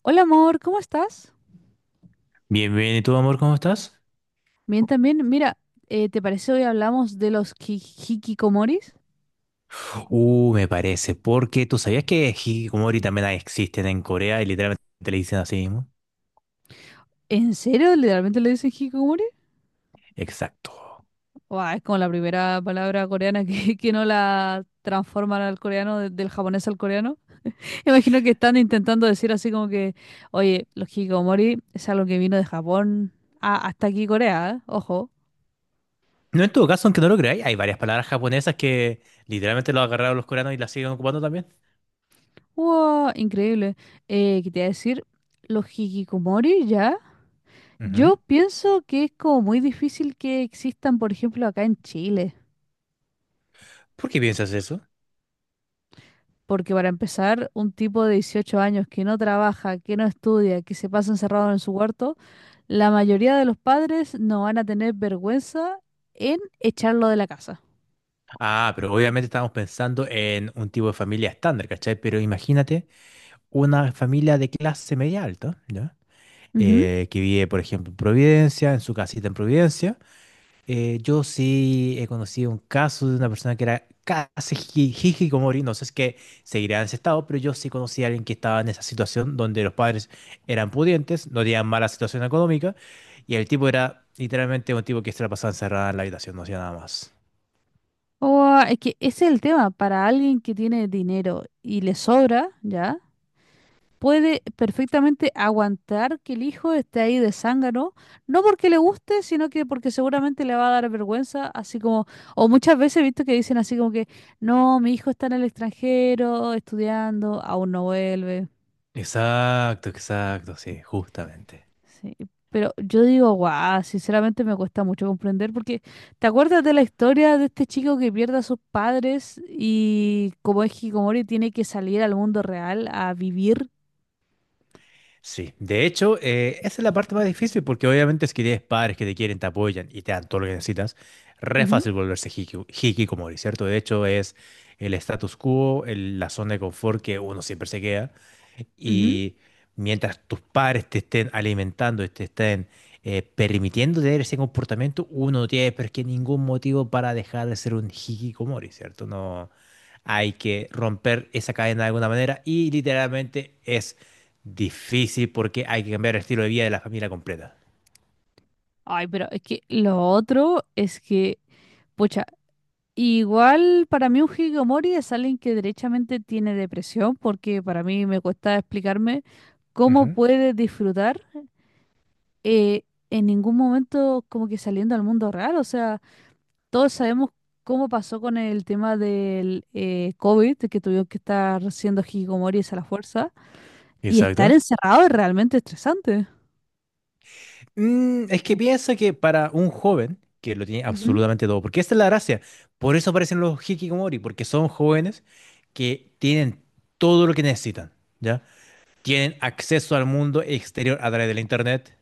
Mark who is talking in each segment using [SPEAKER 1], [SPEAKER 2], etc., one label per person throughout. [SPEAKER 1] Hola amor, ¿cómo estás?
[SPEAKER 2] Bien, bien, ¿y tú, amor, cómo estás?
[SPEAKER 1] Bien, también, mira, ¿te parece hoy hablamos de los hikikomoris?
[SPEAKER 2] Me parece, porque tú sabías que hikikomori también existen en Corea y literalmente le dicen así mismo.
[SPEAKER 1] ¿En serio? ¿Literalmente le dicen hikikomori?
[SPEAKER 2] Exacto.
[SPEAKER 1] Buah, es como la primera palabra coreana que, que no la transforman al coreano, del japonés al coreano. Imagino que están intentando decir así como que, oye, los hikikomori es algo que vino de Japón hasta aquí Corea, ¿eh? Ojo.
[SPEAKER 2] No, en todo caso, aunque no lo creáis, hay varias palabras japonesas que literalmente lo agarraron los coreanos y las siguen ocupando también.
[SPEAKER 1] Wow, increíble. ¿Qué te iba a decir? Los hikikomori ya.
[SPEAKER 2] Ujú.
[SPEAKER 1] Yo pienso que es como muy difícil que existan, por ejemplo, acá en Chile,
[SPEAKER 2] ¿Por qué piensas eso?
[SPEAKER 1] porque para empezar, un tipo de 18 años que no trabaja, que no estudia, que se pasa encerrado en su cuarto, la mayoría de los padres no van a tener vergüenza en echarlo de la casa.
[SPEAKER 2] Ah, pero obviamente estamos pensando en un tipo de familia estándar, ¿cachai? Pero imagínate una familia de clase media alta, ¿ya?
[SPEAKER 1] Ujú.
[SPEAKER 2] Que vive, por ejemplo, en Providencia, en su casita en Providencia. Yo sí he conocido un caso de una persona que era casi hikikomori, no sé si es que seguirá en ese estado, pero yo sí conocí a alguien que estaba en esa situación donde los padres eran pudientes, no tenían mala situación económica, y el tipo era literalmente un tipo que se la pasaba encerrada en la habitación, no hacía nada más.
[SPEAKER 1] O ah, es que ese es el tema, para alguien que tiene dinero y le sobra, ¿ya? Puede perfectamente aguantar que el hijo esté ahí de zángano, no porque le guste, sino que porque seguramente le va a dar vergüenza, así como, o muchas veces he visto que dicen así como que, no, mi hijo está en el extranjero estudiando, aún no vuelve.
[SPEAKER 2] Exacto, exacto, sí, justamente.
[SPEAKER 1] Sí, pero yo digo, guau, sinceramente me cuesta mucho comprender porque ¿te acuerdas de la historia de este chico que pierde a sus padres y como es Hikomori tiene que salir al mundo real a vivir?
[SPEAKER 2] Sí, de hecho, esa es la parte más difícil porque obviamente es que tienes padres que te quieren, te apoyan y te dan todo lo que necesitas. Re
[SPEAKER 1] Ujú,
[SPEAKER 2] fácil volverse hikikomori, ¿cierto? De hecho, es el status quo, la zona de confort que uno siempre se queda.
[SPEAKER 1] ujú.
[SPEAKER 2] Y mientras tus padres te estén alimentando y te estén permitiendo tener ese comportamiento, uno no tiene pero es que ningún motivo para dejar de ser un hikikomori, ¿cierto? No hay que romper esa cadena de alguna manera y literalmente es difícil porque hay que cambiar el estilo de vida de la familia completa.
[SPEAKER 1] Ay, pero es que lo otro es que, pucha, igual para mí un hikikomori es alguien que derechamente tiene depresión, porque para mí me cuesta explicarme cómo
[SPEAKER 2] Ujú.
[SPEAKER 1] puede disfrutar eh, en ningún momento como que saliendo al mundo real. O sea, todos sabemos cómo pasó con el tema del COVID, que tuvieron que estar siendo hikikomoris a la fuerza, y estar
[SPEAKER 2] Exacto.
[SPEAKER 1] encerrado es realmente estresante.
[SPEAKER 2] Es que pienso que para un joven que lo tiene
[SPEAKER 1] Ujú,
[SPEAKER 2] absolutamente todo, porque esta es la gracia, por eso aparecen los hikikomori, porque son jóvenes que tienen todo lo que necesitan, ¿ya? Tienen acceso al mundo exterior a través de la internet,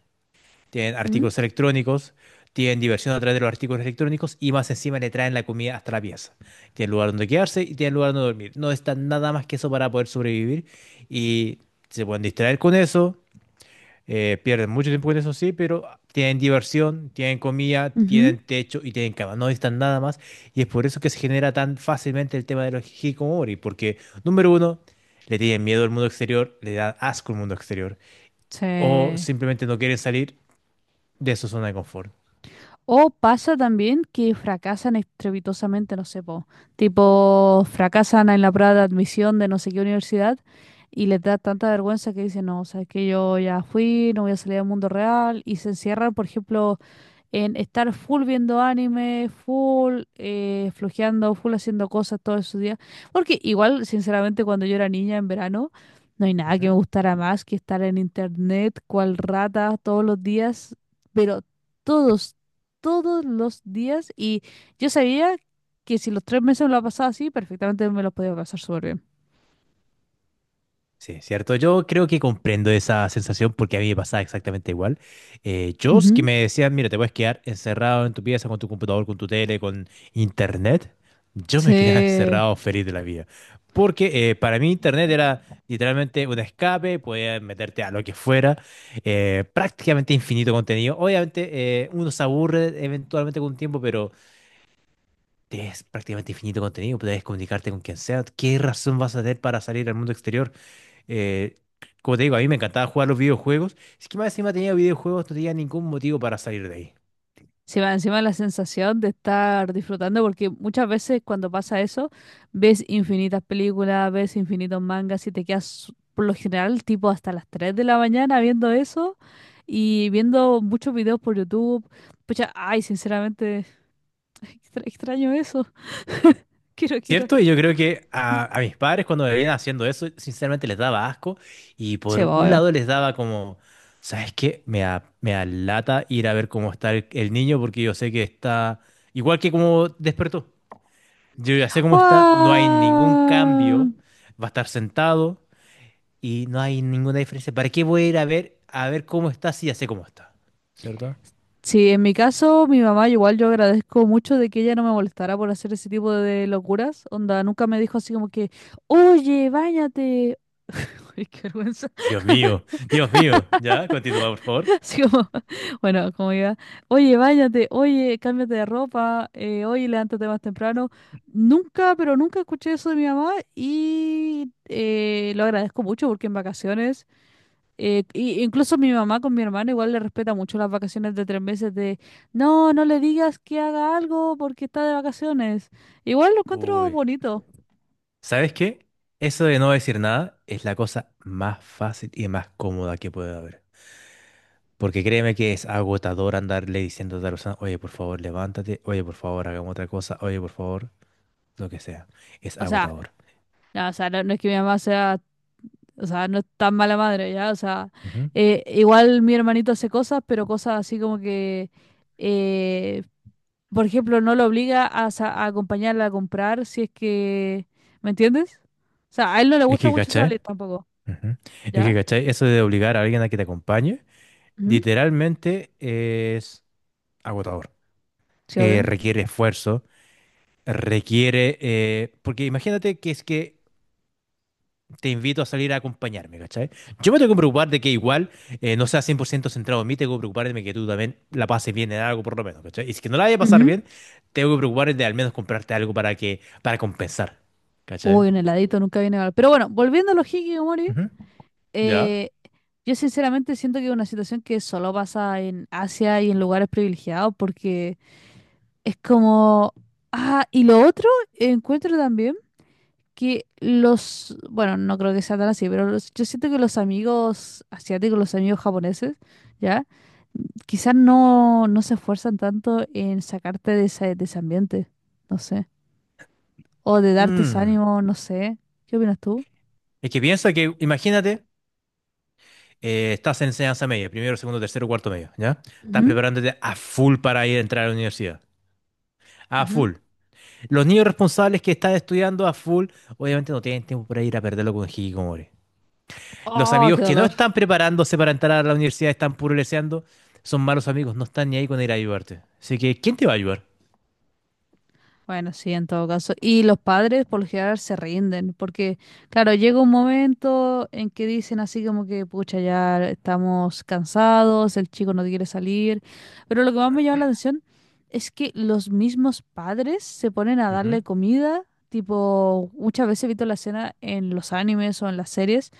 [SPEAKER 2] tienen
[SPEAKER 1] ujú,
[SPEAKER 2] artículos electrónicos, tienen diversión a través de los artículos electrónicos y más encima le traen la comida hasta la pieza. Tienen lugar donde quedarse y tienen lugar donde dormir. No está nada más que eso para poder sobrevivir y se pueden distraer con eso. Pierden mucho tiempo con eso, sí, pero tienen diversión, tienen comida,
[SPEAKER 1] ujú.
[SPEAKER 2] tienen techo y tienen cama. No necesitan nada más. Y es por eso que se genera tan fácilmente el tema de los hikikomori. Porque, número uno, le tienen miedo al mundo exterior, le dan asco al mundo exterior. O
[SPEAKER 1] Sí.
[SPEAKER 2] simplemente no quieren salir de su zona de confort.
[SPEAKER 1] O pasa también que fracasan estrepitosamente, no sé, po, tipo fracasan en la prueba de admisión de no sé qué universidad y les da tanta vergüenza que dicen, no, sabes que yo ya fui, no voy a salir al mundo real y se encierran, por ejemplo, en estar full viendo anime, full flojeando, full haciendo cosas todos esos días. Porque igual, sinceramente, cuando yo era niña en verano, no hay nada que me
[SPEAKER 2] Ujú.
[SPEAKER 1] gustara más que estar en internet, cual rata, todos los días, pero todos, todos los días. Y yo sabía que si los 3 meses me lo pasaba así, perfectamente me los podía pasar súper bien.
[SPEAKER 2] Sí, cierto. Yo creo que comprendo esa sensación porque a mí me pasaba exactamente igual. Yo, que
[SPEAKER 1] Ujú.
[SPEAKER 2] me decían, mira, te puedes quedar encerrado en tu pieza con tu computador, con tu tele, con internet, yo me quedaba
[SPEAKER 1] Sí.
[SPEAKER 2] encerrado feliz de la vida. Porque para mí internet era literalmente un escape, podías meterte a lo que fuera, prácticamente infinito contenido. Obviamente uno se aburre eventualmente con un tiempo, pero es prácticamente infinito contenido, puedes comunicarte con quien sea. ¿Qué razón vas a tener para salir al mundo exterior? Eh, Como te digo, a mí me encantaba jugar los videojuegos. Es que más encima tenía videojuegos, no tenía ningún motivo para salir de ahí.
[SPEAKER 1] Sí, va encima la sensación de estar disfrutando, porque muchas veces cuando pasa eso, ves infinitas películas, ves infinitos mangas y te quedas por lo general tipo hasta las 3 de la mañana viendo eso y viendo muchos videos por YouTube. Pucha, ay, sinceramente, extraño eso. Quiero, quiero.
[SPEAKER 2] ¿Cierto? Y yo creo que a mis padres cuando me veían haciendo eso, sinceramente les daba asco y
[SPEAKER 1] Sí,
[SPEAKER 2] por un
[SPEAKER 1] obvio.
[SPEAKER 2] lado les daba como, ¿sabes qué? Me da lata ir a ver cómo está el niño porque yo sé que está igual que como despertó. Yo ya sé cómo está, no hay ningún
[SPEAKER 1] ¡Guau!
[SPEAKER 2] cambio, va a estar sentado y no hay ninguna diferencia. ¿Para qué voy a ir a a ver cómo está si ya sé cómo está? ¿Cierto?
[SPEAKER 1] Sí, en mi caso, mi mamá igual yo agradezco mucho de que ella no me molestara por hacer ese tipo de locuras. Onda, nunca me dijo así como que, oye, báñate. Uy, qué vergüenza.
[SPEAKER 2] Dios mío, Dios mío. Ya, continúa, por favor.
[SPEAKER 1] Así como, bueno, como iba, oye, báñate, oye, cámbiate de ropa, oye, levántate más temprano. Nunca, pero nunca escuché eso de mi mamá y lo agradezco mucho porque en vacaciones. Incluso mi mamá con mi hermano igual le respeta mucho las vacaciones de 3 meses de, no, no le digas que haga algo porque está de vacaciones. Igual lo encuentro
[SPEAKER 2] Uy,
[SPEAKER 1] bonito.
[SPEAKER 2] ¿sabes qué? Eso de no decir nada es la cosa más fácil y más cómoda que puede haber. Porque créeme que es agotador andarle diciendo a otra persona, oye, por favor, levántate, oye, por favor, hagamos otra cosa, oye, por favor, lo que sea. Es
[SPEAKER 1] O sea,
[SPEAKER 2] agotador.
[SPEAKER 1] no, o sea, no, no es que mi mamá sea, o sea, no es tan mala madre, ¿ya? O sea,
[SPEAKER 2] Ujú.
[SPEAKER 1] igual mi hermanito hace cosas, pero cosas así como que, eh, por ejemplo, no lo obliga a, a acompañarla a comprar si es que, ¿me entiendes? O sea, a él no le
[SPEAKER 2] Es
[SPEAKER 1] gusta
[SPEAKER 2] que,
[SPEAKER 1] mucho
[SPEAKER 2] ¿cachai?
[SPEAKER 1] salir tampoco,
[SPEAKER 2] Ujú. Es que,
[SPEAKER 1] ¿ya?
[SPEAKER 2] ¿cachai? Eso de obligar a alguien a que te acompañe,
[SPEAKER 1] Ujú,
[SPEAKER 2] literalmente es agotador.
[SPEAKER 1] sí,
[SPEAKER 2] Requiere esfuerzo, porque imagínate que es que te invito a salir a acompañarme, ¿cachai? Yo me tengo que preocupar de que igual no sea 100% centrado en mí, tengo que preocuparme de que tú también la pases bien en algo por lo menos, ¿cachai? Y si que no la vaya a pasar
[SPEAKER 1] obvio.
[SPEAKER 2] bien, tengo que preocuparme de al menos comprarte algo para que, para compensar, ¿cachai?
[SPEAKER 1] Uy, un heladito nunca viene mal. Pero bueno, volviendo a los hikikomori,
[SPEAKER 2] Ujú. ¿Ya?
[SPEAKER 1] eh, yo sinceramente siento que es una situación que solo pasa en Asia y en lugares privilegiados porque es como... Ah, y lo otro, encuentro también que los... Bueno, no creo que sea tan así, pero yo siento que los amigos asiáticos, los amigos japoneses, ¿ya? Quizás no, no se esfuerzan tanto en sacarte de ese ambiente, no sé. O de darte ese
[SPEAKER 2] Mm.
[SPEAKER 1] ánimo, no sé. ¿Qué opinas tú?
[SPEAKER 2] Es que piensa que, imagínate, estás en enseñanza media, primero, segundo, tercero, cuarto medio, ¿ya? Estás
[SPEAKER 1] Ujú,
[SPEAKER 2] preparándote a full para ir a entrar a la universidad. A
[SPEAKER 1] ujú.
[SPEAKER 2] full. Los niños responsables que están estudiando a full, obviamente no tienen tiempo para ir a perderlo con hikikomori. Los
[SPEAKER 1] Oh,
[SPEAKER 2] amigos
[SPEAKER 1] qué
[SPEAKER 2] que no
[SPEAKER 1] dolor.
[SPEAKER 2] están preparándose para entrar a la universidad, están puruleseando, son malos amigos, no están ni ahí con ir a ayudarte. Así que, ¿quién te va a ayudar?
[SPEAKER 1] Bueno, sí, en todo caso. Y los padres por lo general se rinden, porque, claro, llega un momento en que dicen así como que, pucha, ya estamos cansados, el chico no quiere salir. Pero lo que más me llama la atención es que los mismos padres se ponen a
[SPEAKER 2] Ujú.
[SPEAKER 1] darle comida. Tipo, muchas veces he visto la escena en los animes o en las series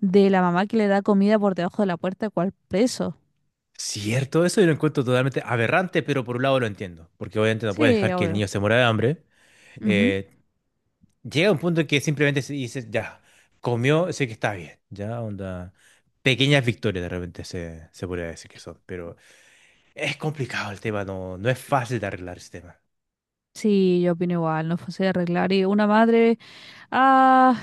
[SPEAKER 1] de la mamá que le da comida por debajo de la puerta, cual preso.
[SPEAKER 2] Cierto, eso yo lo encuentro totalmente aberrante, pero por un lado lo entiendo, porque obviamente no puedes
[SPEAKER 1] Sí,
[SPEAKER 2] dejar que el
[SPEAKER 1] obvio.
[SPEAKER 2] niño se muera de hambre.
[SPEAKER 1] Ujú.
[SPEAKER 2] Eh, Llega un punto en que simplemente se dice, ya, comió, sé que está bien, ya, onda. Pequeñas victorias de repente se podría decir que son, pero es complicado el tema, no, no es fácil de arreglar ese tema.
[SPEAKER 1] Sí, yo opino igual, no es fácil de arreglar. Y una madre, ah,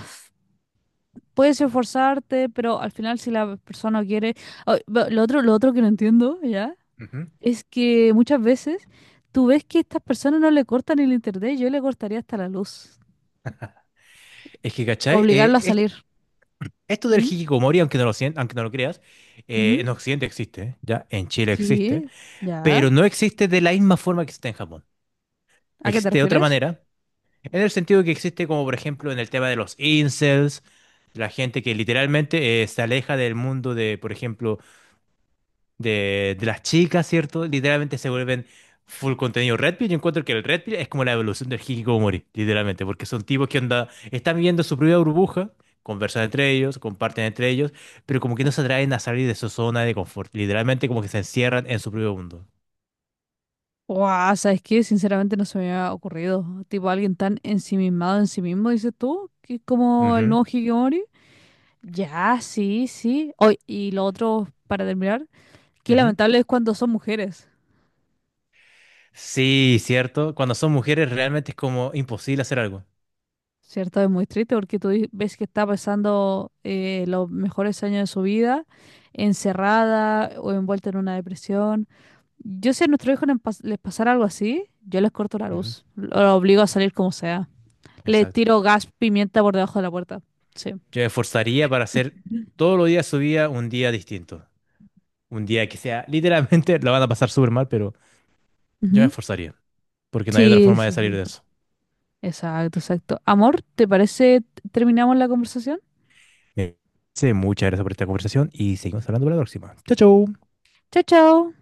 [SPEAKER 1] puedes esforzarte, pero al final si la persona quiere... Ah, lo otro que no entiendo, ¿ya?
[SPEAKER 2] Ujú.
[SPEAKER 1] Es que muchas veces tú ves que estas personas no le cortan el internet, yo le cortaría hasta la luz.
[SPEAKER 2] Es que, ¿cachai?
[SPEAKER 1] Obligarlo a salir.
[SPEAKER 2] Esto del
[SPEAKER 1] ¿Mm?
[SPEAKER 2] hikikomori, aunque no aunque no lo creas,
[SPEAKER 1] Ujú.
[SPEAKER 2] en Occidente existe, ¿ya? En Chile existe,
[SPEAKER 1] Sí, ya.
[SPEAKER 2] pero no existe de la misma forma que existe en Japón.
[SPEAKER 1] ¿A qué te
[SPEAKER 2] Existe de otra
[SPEAKER 1] refieres?
[SPEAKER 2] manera, en el sentido que existe como, por ejemplo, en el tema de los incels, la gente que literalmente se aleja del mundo de, por ejemplo, de las chicas, ¿cierto? Literalmente se vuelven full contenido Red Pill. Yo encuentro que el Red Pill es como la evolución del hikikomori, literalmente, porque son tipos que onda, están viviendo su propia burbuja, conversan entre ellos, comparten entre ellos, pero como que no se atraen a salir de su zona de confort. Literalmente como que se encierran en su propio mundo.
[SPEAKER 1] Guau, ¿sabes qué? Sinceramente no se me había ocurrido. Tipo, alguien tan ensimismado en sí mismo, dices tú, que es como el
[SPEAKER 2] Ujú,
[SPEAKER 1] nuevo Hikikomori. Ya, sí, sí. Oy, y lo otro, para terminar, qué
[SPEAKER 2] ujú.
[SPEAKER 1] lamentable es cuando son mujeres,
[SPEAKER 2] Sí, cierto. Cuando son mujeres realmente es como imposible hacer algo.
[SPEAKER 1] ¿cierto? Es muy triste porque tú ves que está pasando los mejores años de su vida encerrada o envuelta en una depresión. Yo si a nuestros hijos les les pasara algo así, yo les corto la
[SPEAKER 2] Ujú,
[SPEAKER 1] luz, lo obligo a salir como sea. Les
[SPEAKER 2] exacto.
[SPEAKER 1] tiro gas, pimienta por debajo de la puerta. Sí.
[SPEAKER 2] Yo me esforzaría para hacer todos los días de su vida un día distinto. Un día que sea, literalmente la van a pasar súper mal, pero yo me
[SPEAKER 1] Ujú.
[SPEAKER 2] esforzaría, porque no hay otra
[SPEAKER 1] Sí,
[SPEAKER 2] forma de
[SPEAKER 1] sí,
[SPEAKER 2] salir
[SPEAKER 1] sí.
[SPEAKER 2] de eso.
[SPEAKER 1] Exacto, exacto. Amor, ¿te parece terminamos la conversación?
[SPEAKER 2] Eh, sí, muchas gracias por esta conversación y seguimos hablando para la próxima. Chau. Chao.
[SPEAKER 1] Chao, chao.